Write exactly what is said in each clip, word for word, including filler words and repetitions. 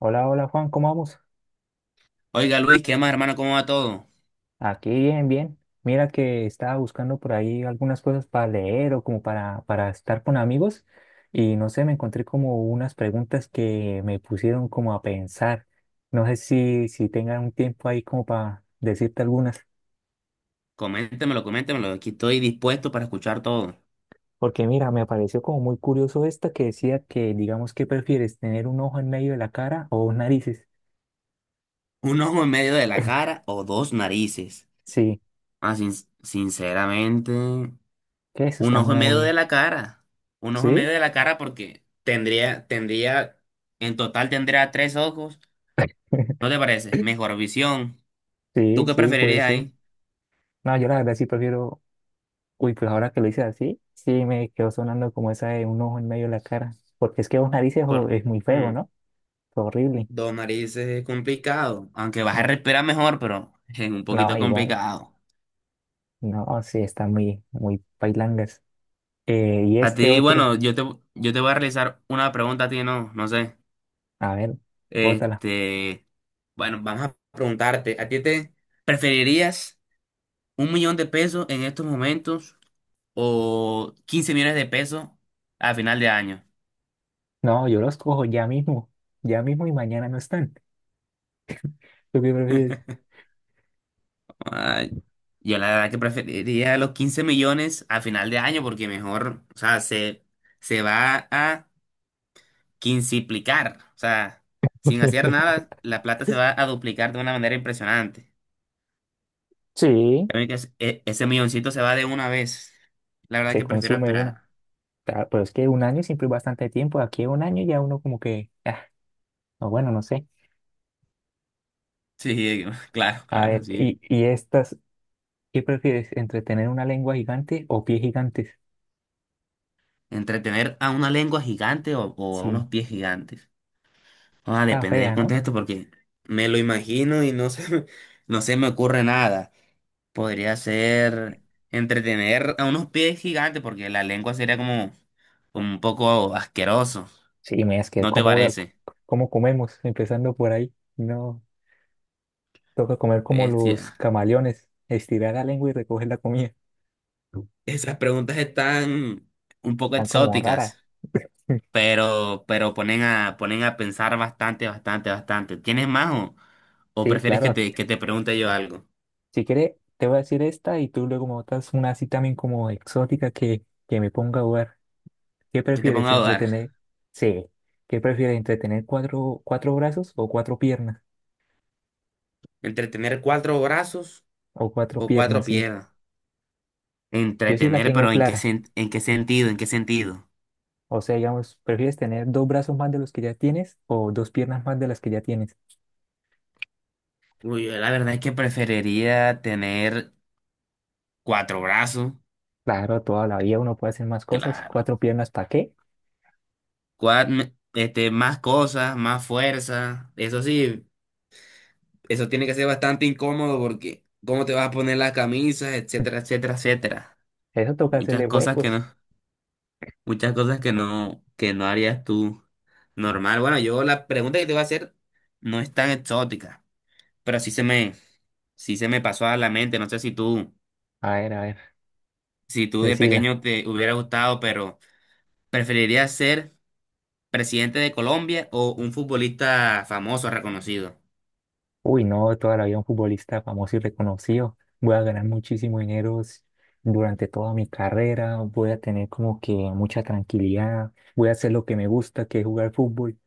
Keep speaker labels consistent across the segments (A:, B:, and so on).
A: Hola, hola Juan, ¿cómo vamos?
B: Oiga Luis, ¿qué más hermano? ¿Cómo va todo?
A: Aquí bien, bien. Mira que estaba buscando por ahí algunas cosas para leer o como para, para estar con amigos y no sé, me encontré como unas preguntas que me pusieron como a pensar. No sé si, si tengan un tiempo ahí como para decirte algunas.
B: Coméntemelo, coméntemelo. Aquí estoy dispuesto para escuchar todo.
A: Porque mira, me pareció como muy curioso esta que decía que, digamos, ¿qué prefieres? ¿Tener un ojo en medio de la cara o dos narices?
B: ¿Un ojo en medio de la cara o dos narices?
A: Sí,
B: Ah, sin- sinceramente,
A: que eso
B: un
A: está
B: ojo en medio de
A: muy...
B: la cara. Un ojo en medio
A: ¿Sí?
B: de la cara porque tendría, tendría, en total tendría tres ojos. ¿No te parece? Mejor visión. ¿Tú
A: Sí,
B: qué
A: sí, puede
B: preferirías
A: ser.
B: ahí?
A: No, yo la verdad sí prefiero. Uy, pues ahora que lo hice así, sí me quedó sonando como esa de un ojo en medio de la cara. Porque es que una narices es,
B: Por,
A: es muy feo,
B: hmm,
A: ¿no? Fue horrible.
B: Dos narices es complicado. Aunque vas a
A: Uf,
B: respirar mejor, pero es un
A: no,
B: poquito
A: igual.
B: complicado.
A: No, sí, está muy, muy pailangas. Eh, y
B: A
A: este
B: ti,
A: otro,
B: bueno, yo te, yo te voy a realizar una pregunta a ti, no, no sé.
A: a ver, bótala.
B: Este, bueno, vamos a preguntarte, ¿a ti te preferirías un millón de pesos en estos momentos o quince millones de pesos a final de año?
A: No, yo los cojo ya mismo. Ya mismo y mañana no están. ¿Tú qué prefieres?
B: Ay, yo la verdad que preferiría los quince millones a final de año porque mejor, o sea, se, se va a quinciplicar, o sea, sin hacer nada, la plata se va a duplicar de una manera impresionante.
A: Sí,
B: Ya ven que es- e- ese milloncito se va de una vez. La verdad
A: se
B: que prefiero
A: consume una.
B: esperar.
A: Ta- Pero es que un año siempre es bastante tiempo. Aquí un año ya uno como que, ah, o bueno, no sé.
B: Sí, claro,
A: A
B: claro,
A: ver,
B: así es.
A: y, y estas. ¿Qué prefieres, entre tener una lengua gigante o pies gigantes?
B: Entretener a una lengua gigante o, o a
A: Sí,
B: unos pies gigantes. Ah,
A: está
B: depende del
A: fea, ¿no?
B: contexto porque me lo imagino y no se, me- no se me ocurre nada. Podría ser entretener a unos pies gigantes porque la lengua sería como, como un poco asqueroso.
A: Sí, me es que
B: ¿No te
A: cómo, voy a-
B: parece?
A: cómo comemos, empezando por ahí. No, toca comer como los
B: Bestia.
A: camaleones, estirar la lengua y recoger la comida.
B: Esas preguntas están un poco
A: Están como raras.
B: exóticas. pero, pero ponen a, ponen a pensar bastante, bastante, bastante. ¿Tienes más o, o
A: Sí,
B: prefieres
A: claro.
B: que
A: ac-
B: te, que te pregunte yo algo?
A: Si quiere, te voy a decir esta y tú luego me botas una así también como exótica que, que me ponga a jugar. ¿Qué
B: Que te
A: prefieres,
B: ponga a dudar.
A: entretener? Sí. ¿Qué prefieres, entretener cuatro, cuatro brazos o cuatro piernas?
B: ¿Entre tener cuatro brazos
A: O cuatro
B: o cuatro
A: piernas, sí.
B: piernas?
A: Yo sí la
B: Entretener,
A: tengo
B: pero ¿en qué
A: clara.
B: sen- en qué sentido? ¿En qué sentido?
A: O sea, digamos, ¿prefieres tener dos brazos más de los que ya tienes o dos piernas más de las que ya tienes?
B: Uy, yo la verdad es que preferiría tener cuatro brazos,
A: Claro, toda la vida uno puede hacer más cosas.
B: claro.
A: ¿Cuatro piernas para qué?
B: Cua- me- este, más cosas, más fuerza. Eso sí, eso tiene que ser bastante incómodo porque cómo te vas a poner las camisas, etcétera, etcétera, etcétera.
A: Eso toca
B: Muchas
A: hacerle
B: cosas que
A: huecos.
B: no, muchas cosas que no, que no harías tú normal. Bueno, yo la pregunta que te voy a hacer no es tan exótica, pero sí se me, sí se me pasó a la mente. No sé si tú,
A: A ver, a ver,
B: si tú de
A: decila.
B: pequeño te hubiera gustado, pero ¿preferirías ser presidente de Colombia o un futbolista famoso, reconocido?
A: Uy, no, toda la vida un futbolista famoso y reconocido. Voy a ganar muchísimo dinero s- durante toda mi carrera. Voy a tener como que mucha tranquilidad. Voy a hacer lo que me gusta, que es jugar fútbol.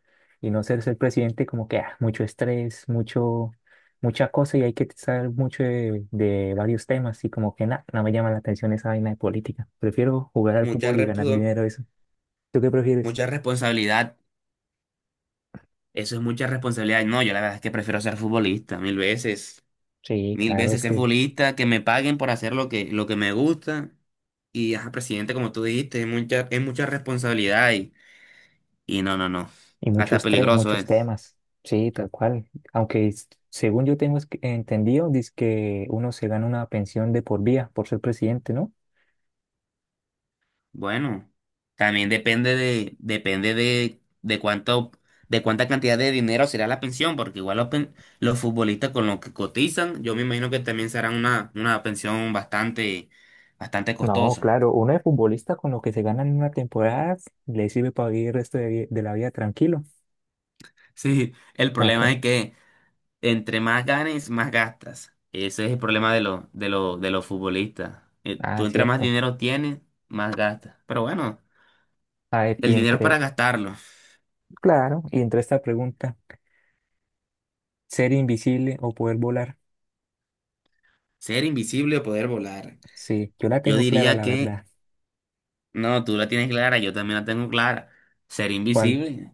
A: Y no ser ser presidente como que ah, mucho estrés, mucho, mucha cosa y hay que saber mucho de, de varios temas. Y como que nada, no me llama la atención esa vaina de política. Prefiero jugar al
B: Mucha
A: fútbol y ganar
B: respo-
A: dinero eso. ¿Tú qué prefieres?
B: Mucha responsabilidad. Eso es mucha responsabilidad. No, yo la verdad es que prefiero ser futbolista mil veces.
A: Sí,
B: Mil
A: claro,
B: veces
A: es
B: ser
A: que.
B: futbolista, que me paguen por hacer lo que, lo que me gusta. Y, ajá, presidente, como tú dijiste, es mucha, es mucha responsabilidad y, y no, no, no.
A: Y mucho
B: Hasta
A: estrés,
B: peligroso
A: muchos
B: es.
A: temas. Sí, tal cual. Aunque es- según yo tengo es que- entendido, dice que uno se gana una pensión de por vida por ser presidente, ¿no?
B: Bueno, también depende de, depende de, de cuánto, de cuánta cantidad de dinero será la pensión, porque igual los, pen- los futbolistas con los que cotizan, yo me imagino que también será una, una pensión bastante, bastante
A: No,
B: costosa.
A: claro, uno de futbolista con lo que se gana en una temporada le sirve para vivir el resto de, vi- de la vida tranquilo.
B: Sí, el problema
A: Acá.
B: es que entre más ganes, más gastas. Ese es el problema de, lo- de, lo- de los futbolistas. Eh, Tú
A: Ah,
B: entre más
A: cierto.
B: dinero tienes, más gastas. Pero bueno,
A: A ver, y
B: el dinero es para
A: entre,
B: gastarlo.
A: claro, y entre esta pregunta, ¿ser invisible o poder volar?
B: Ser invisible o poder volar.
A: Sí, yo la
B: Yo
A: tengo clara,
B: diría
A: la
B: que,
A: verdad.
B: no, tú la tienes clara, yo también la tengo clara. Ser
A: ¿Cuál?
B: invisible.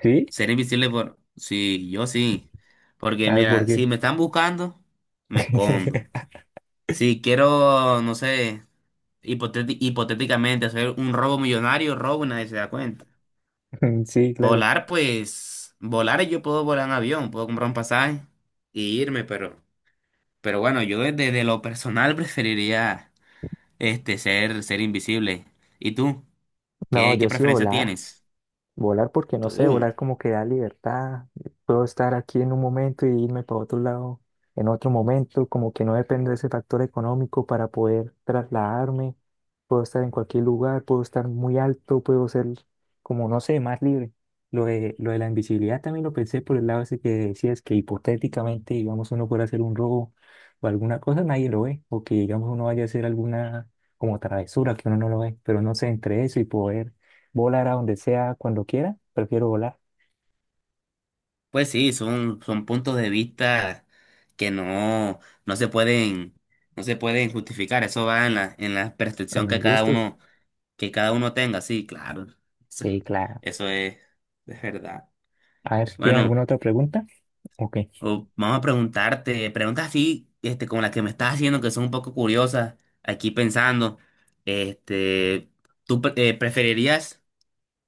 A: Sí,
B: Ser invisible por... Sí, yo sí. Porque
A: a ver por
B: mira,
A: qué.
B: si me están buscando, me escondo. Si quiero, no sé, hipotéti- hipotéticamente hacer un robo millonario, robo y nadie se da cuenta.
A: Sí, claro.
B: Volar, pues, volar yo puedo volar en avión, puedo comprar un pasaje y irme, pero, pero bueno, yo desde, de lo personal preferiría este ser, ser invisible. ¿Y tú?
A: No,
B: ¿Qué, qué
A: yo sí
B: preferencia
A: volar.
B: tienes?
A: Volar porque no sé,
B: Tú.
A: volar como que da libertad. Puedo estar aquí en un momento y irme para otro lado en otro momento, como que no depende de ese factor económico para poder trasladarme. Puedo estar en cualquier lugar, puedo estar muy alto, puedo ser como, no sé, más libre. Lo de, lo de la invisibilidad también lo pensé por el lado ese que decías que hipotéticamente, digamos, uno puede hacer un robo o alguna cosa, nadie lo ve, o que, digamos, uno vaya a hacer alguna como travesura que uno no lo ve, pero no sé, entre eso y poder volar a donde sea, cuando quiera. Prefiero volar
B: Pues sí, son, son puntos de vista que no, no se pueden, no se pueden justificar. Eso va en la, en la
A: en
B: percepción que
A: los
B: cada
A: gustos.
B: uno, que cada uno tenga. Sí, claro. Eso,
A: Sí, claro.
B: eso es, es verdad.
A: A ver, ¿tienes
B: Bueno.
A: alguna otra pregunta? Ok.
B: O vamos a preguntarte, preguntas así, este, como las que me estás haciendo, que son un poco curiosas, aquí pensando, este, ¿tú pre- eh, preferirías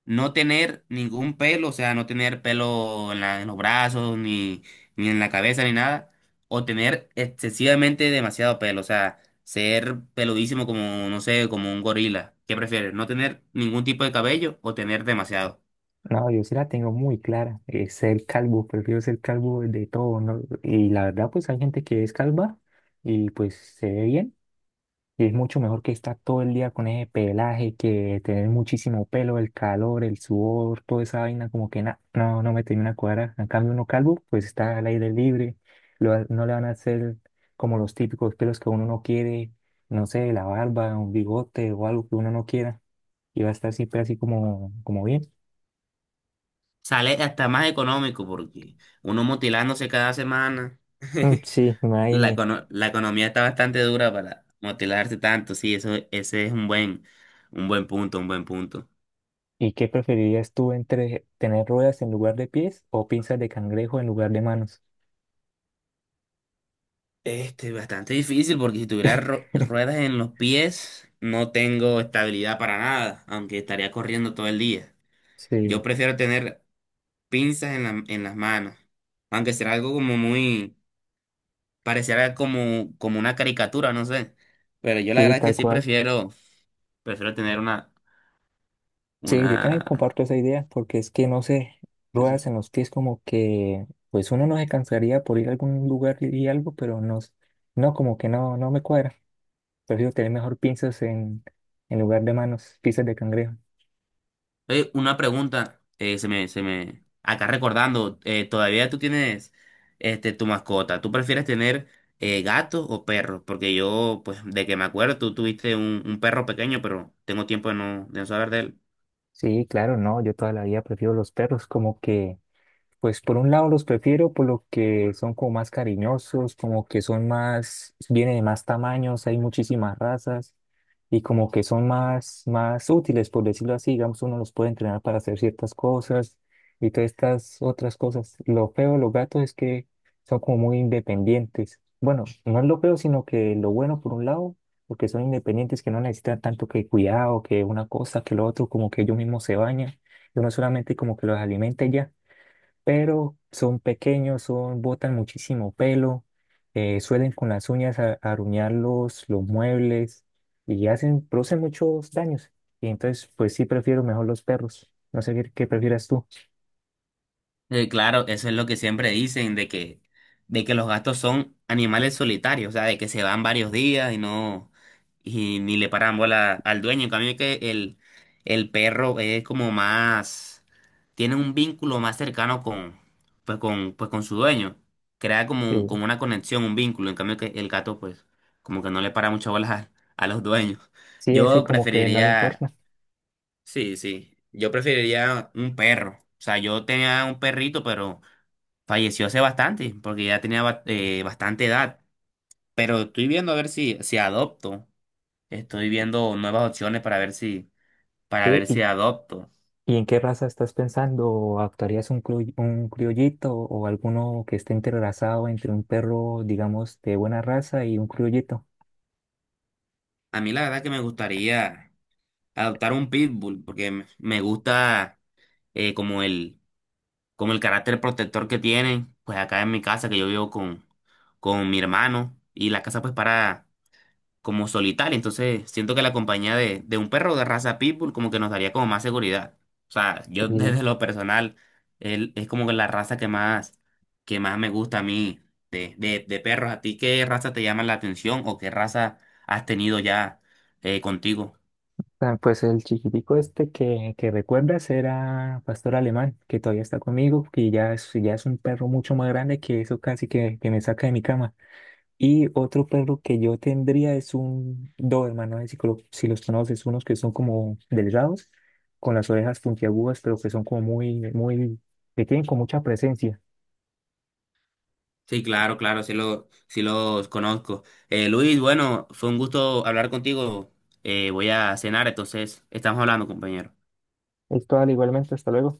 B: no tener ningún pelo, o sea, no tener pelo en la- en los brazos, ni, ni en la cabeza, ni nada, o tener excesivamente demasiado pelo, o sea, ser peludísimo como, no sé, como un gorila? ¿Qué prefieres, no tener ningún tipo de cabello o tener demasiado?
A: No, yo sí la tengo muy clara. Eh, ser calvo, prefiero ser calvo de todo, ¿no? Y la verdad, pues hay gente que es calva y pues se ve bien. Y es mucho mejor que estar todo el día con ese pelaje, que tener muchísimo pelo, el calor, el sudor, toda esa vaina, como que na- no, no me termina de cuadrar. En cambio, uno calvo, pues está al aire libre, lo va- no le van a hacer como los típicos pelos que uno no quiere, no sé, la barba, un bigote o algo que uno no quiera, y va a estar siempre así como, como bien.
B: Sale hasta más económico porque uno motilándose cada semana.
A: Mm, sí,
B: La,
A: imagínate.
B: econo- la economía está bastante dura para motilarse tanto, sí, eso, ese es un buen, un buen punto, un buen punto.
A: ¿Y qué preferirías tú entre tener ruedas en lugar de pies o pinzas de cangrejo en lugar de manos?
B: Este, bastante difícil porque si tuviera ru- ruedas en los pies, no tengo estabilidad para nada, aunque estaría corriendo todo el día.
A: Sí,
B: Yo prefiero tener pinzas en la- en las manos, aunque será algo como muy, pareciera como, como una caricatura, no sé. Pero yo la
A: sí,
B: verdad es que
A: tal
B: sí
A: cual.
B: prefiero Prefiero tener una,
A: Sí, yo también
B: una,
A: comparto esa idea porque es que no sé,
B: pues,
A: ruedas en los pies como que pues uno no se cansaría por ir a algún lugar y y algo, pero no, s- no como que no, no me cuadra. Prefiero tener mejor pinzas en, en lugar de manos, pinzas de cangrejo.
B: oye, una pregunta, eh, se me, se me, acá recordando, eh, todavía tú tienes, este, tu mascota. ¿Tú prefieres tener eh, gatos o perros? Porque yo, pues, de que me acuerdo, tú tuviste un, un perro pequeño, pero tengo tiempo de no, de no saber de él.
A: Sí, claro, no, yo toda la vida prefiero los perros, como que. Pues por un lado los prefiero por lo que son como más cariñosos, como que son más, vienen de más tamaños, hay muchísimas razas y como que son más, más útiles, por decirlo así, digamos, uno los puede entrenar para hacer ciertas cosas y todas estas otras cosas. Lo feo de los gatos es que son como muy independientes. Bueno, no es lo feo, sino que lo bueno por un lado, porque son independientes, que no necesitan tanto que cuidado, que una cosa, que lo otro, como que ellos mismos se bañan, y uno solamente como que los alimenta y ya, pero son pequeños, son, botan muchísimo pelo, eh, suelen con las uñas a- aruñar los, los muebles y hacen, producen muchos daños. Y entonces, pues sí prefiero mejor los perros. No sé qué, qué prefieras tú.
B: Eh, claro, eso es lo que siempre dicen, de que, de que los gatos son animales solitarios, o sea, de que se van varios días y no, y ni le paran bola al dueño. En cambio que el, el perro es como más, tiene un vínculo más cercano con, pues con, pues con su dueño. Crea como,
A: Sí,
B: como una conexión, un vínculo. En cambio que el gato, pues, como que no le para mucho bolas a, a los dueños.
A: sí, ese
B: Yo
A: como que no le
B: preferiría,
A: importa.
B: sí, sí, yo preferiría un perro. O sea, yo tenía un perrito, pero falleció hace bastante, porque ya tenía ba- eh, bastante edad. Pero estoy viendo a ver si, si adopto. Estoy viendo nuevas opciones para ver si, para
A: Sí,
B: ver
A: ¿y,
B: si adopto.
A: y en qué raza estás pensando? ¿Actuarías un, cru- un criollito o alguno que esté entrelazado entre un perro, digamos, de buena raza y un criollito?
B: A mí la verdad que me gustaría adoptar un pitbull, porque me me gusta eh, como el, como el carácter protector que tiene, pues acá en mi casa, que yo vivo con, con mi hermano. Y la casa pues para como solitaria. Entonces, siento que la compañía de, de un perro de raza pitbull como que nos daría como más seguridad. O sea, yo desde lo personal, él es como que la raza que más, que más me gusta a mí de, de, de perros. ¿A ti qué raza te llama la atención o qué raza has tenido ya eh, contigo?
A: Ah, pues el chiquitico este que, que recuerdas era pastor alemán, que todavía está conmigo, que ya es, ya es un perro mucho más grande que eso casi que, que me saca de mi cama. Y otro perro que yo tendría es un Doberman, no sé si, colo- si los conoces, unos que son como delgados, con las orejas puntiagudas, pero que son como muy, muy, que tienen con mucha presencia.
B: Sí, claro, claro, sí, lo, sí los conozco. Eh, Luis, bueno, fue un gusto hablar contigo. Eh, voy a cenar, entonces estamos hablando, compañero.
A: Esto, igualmente, hasta luego.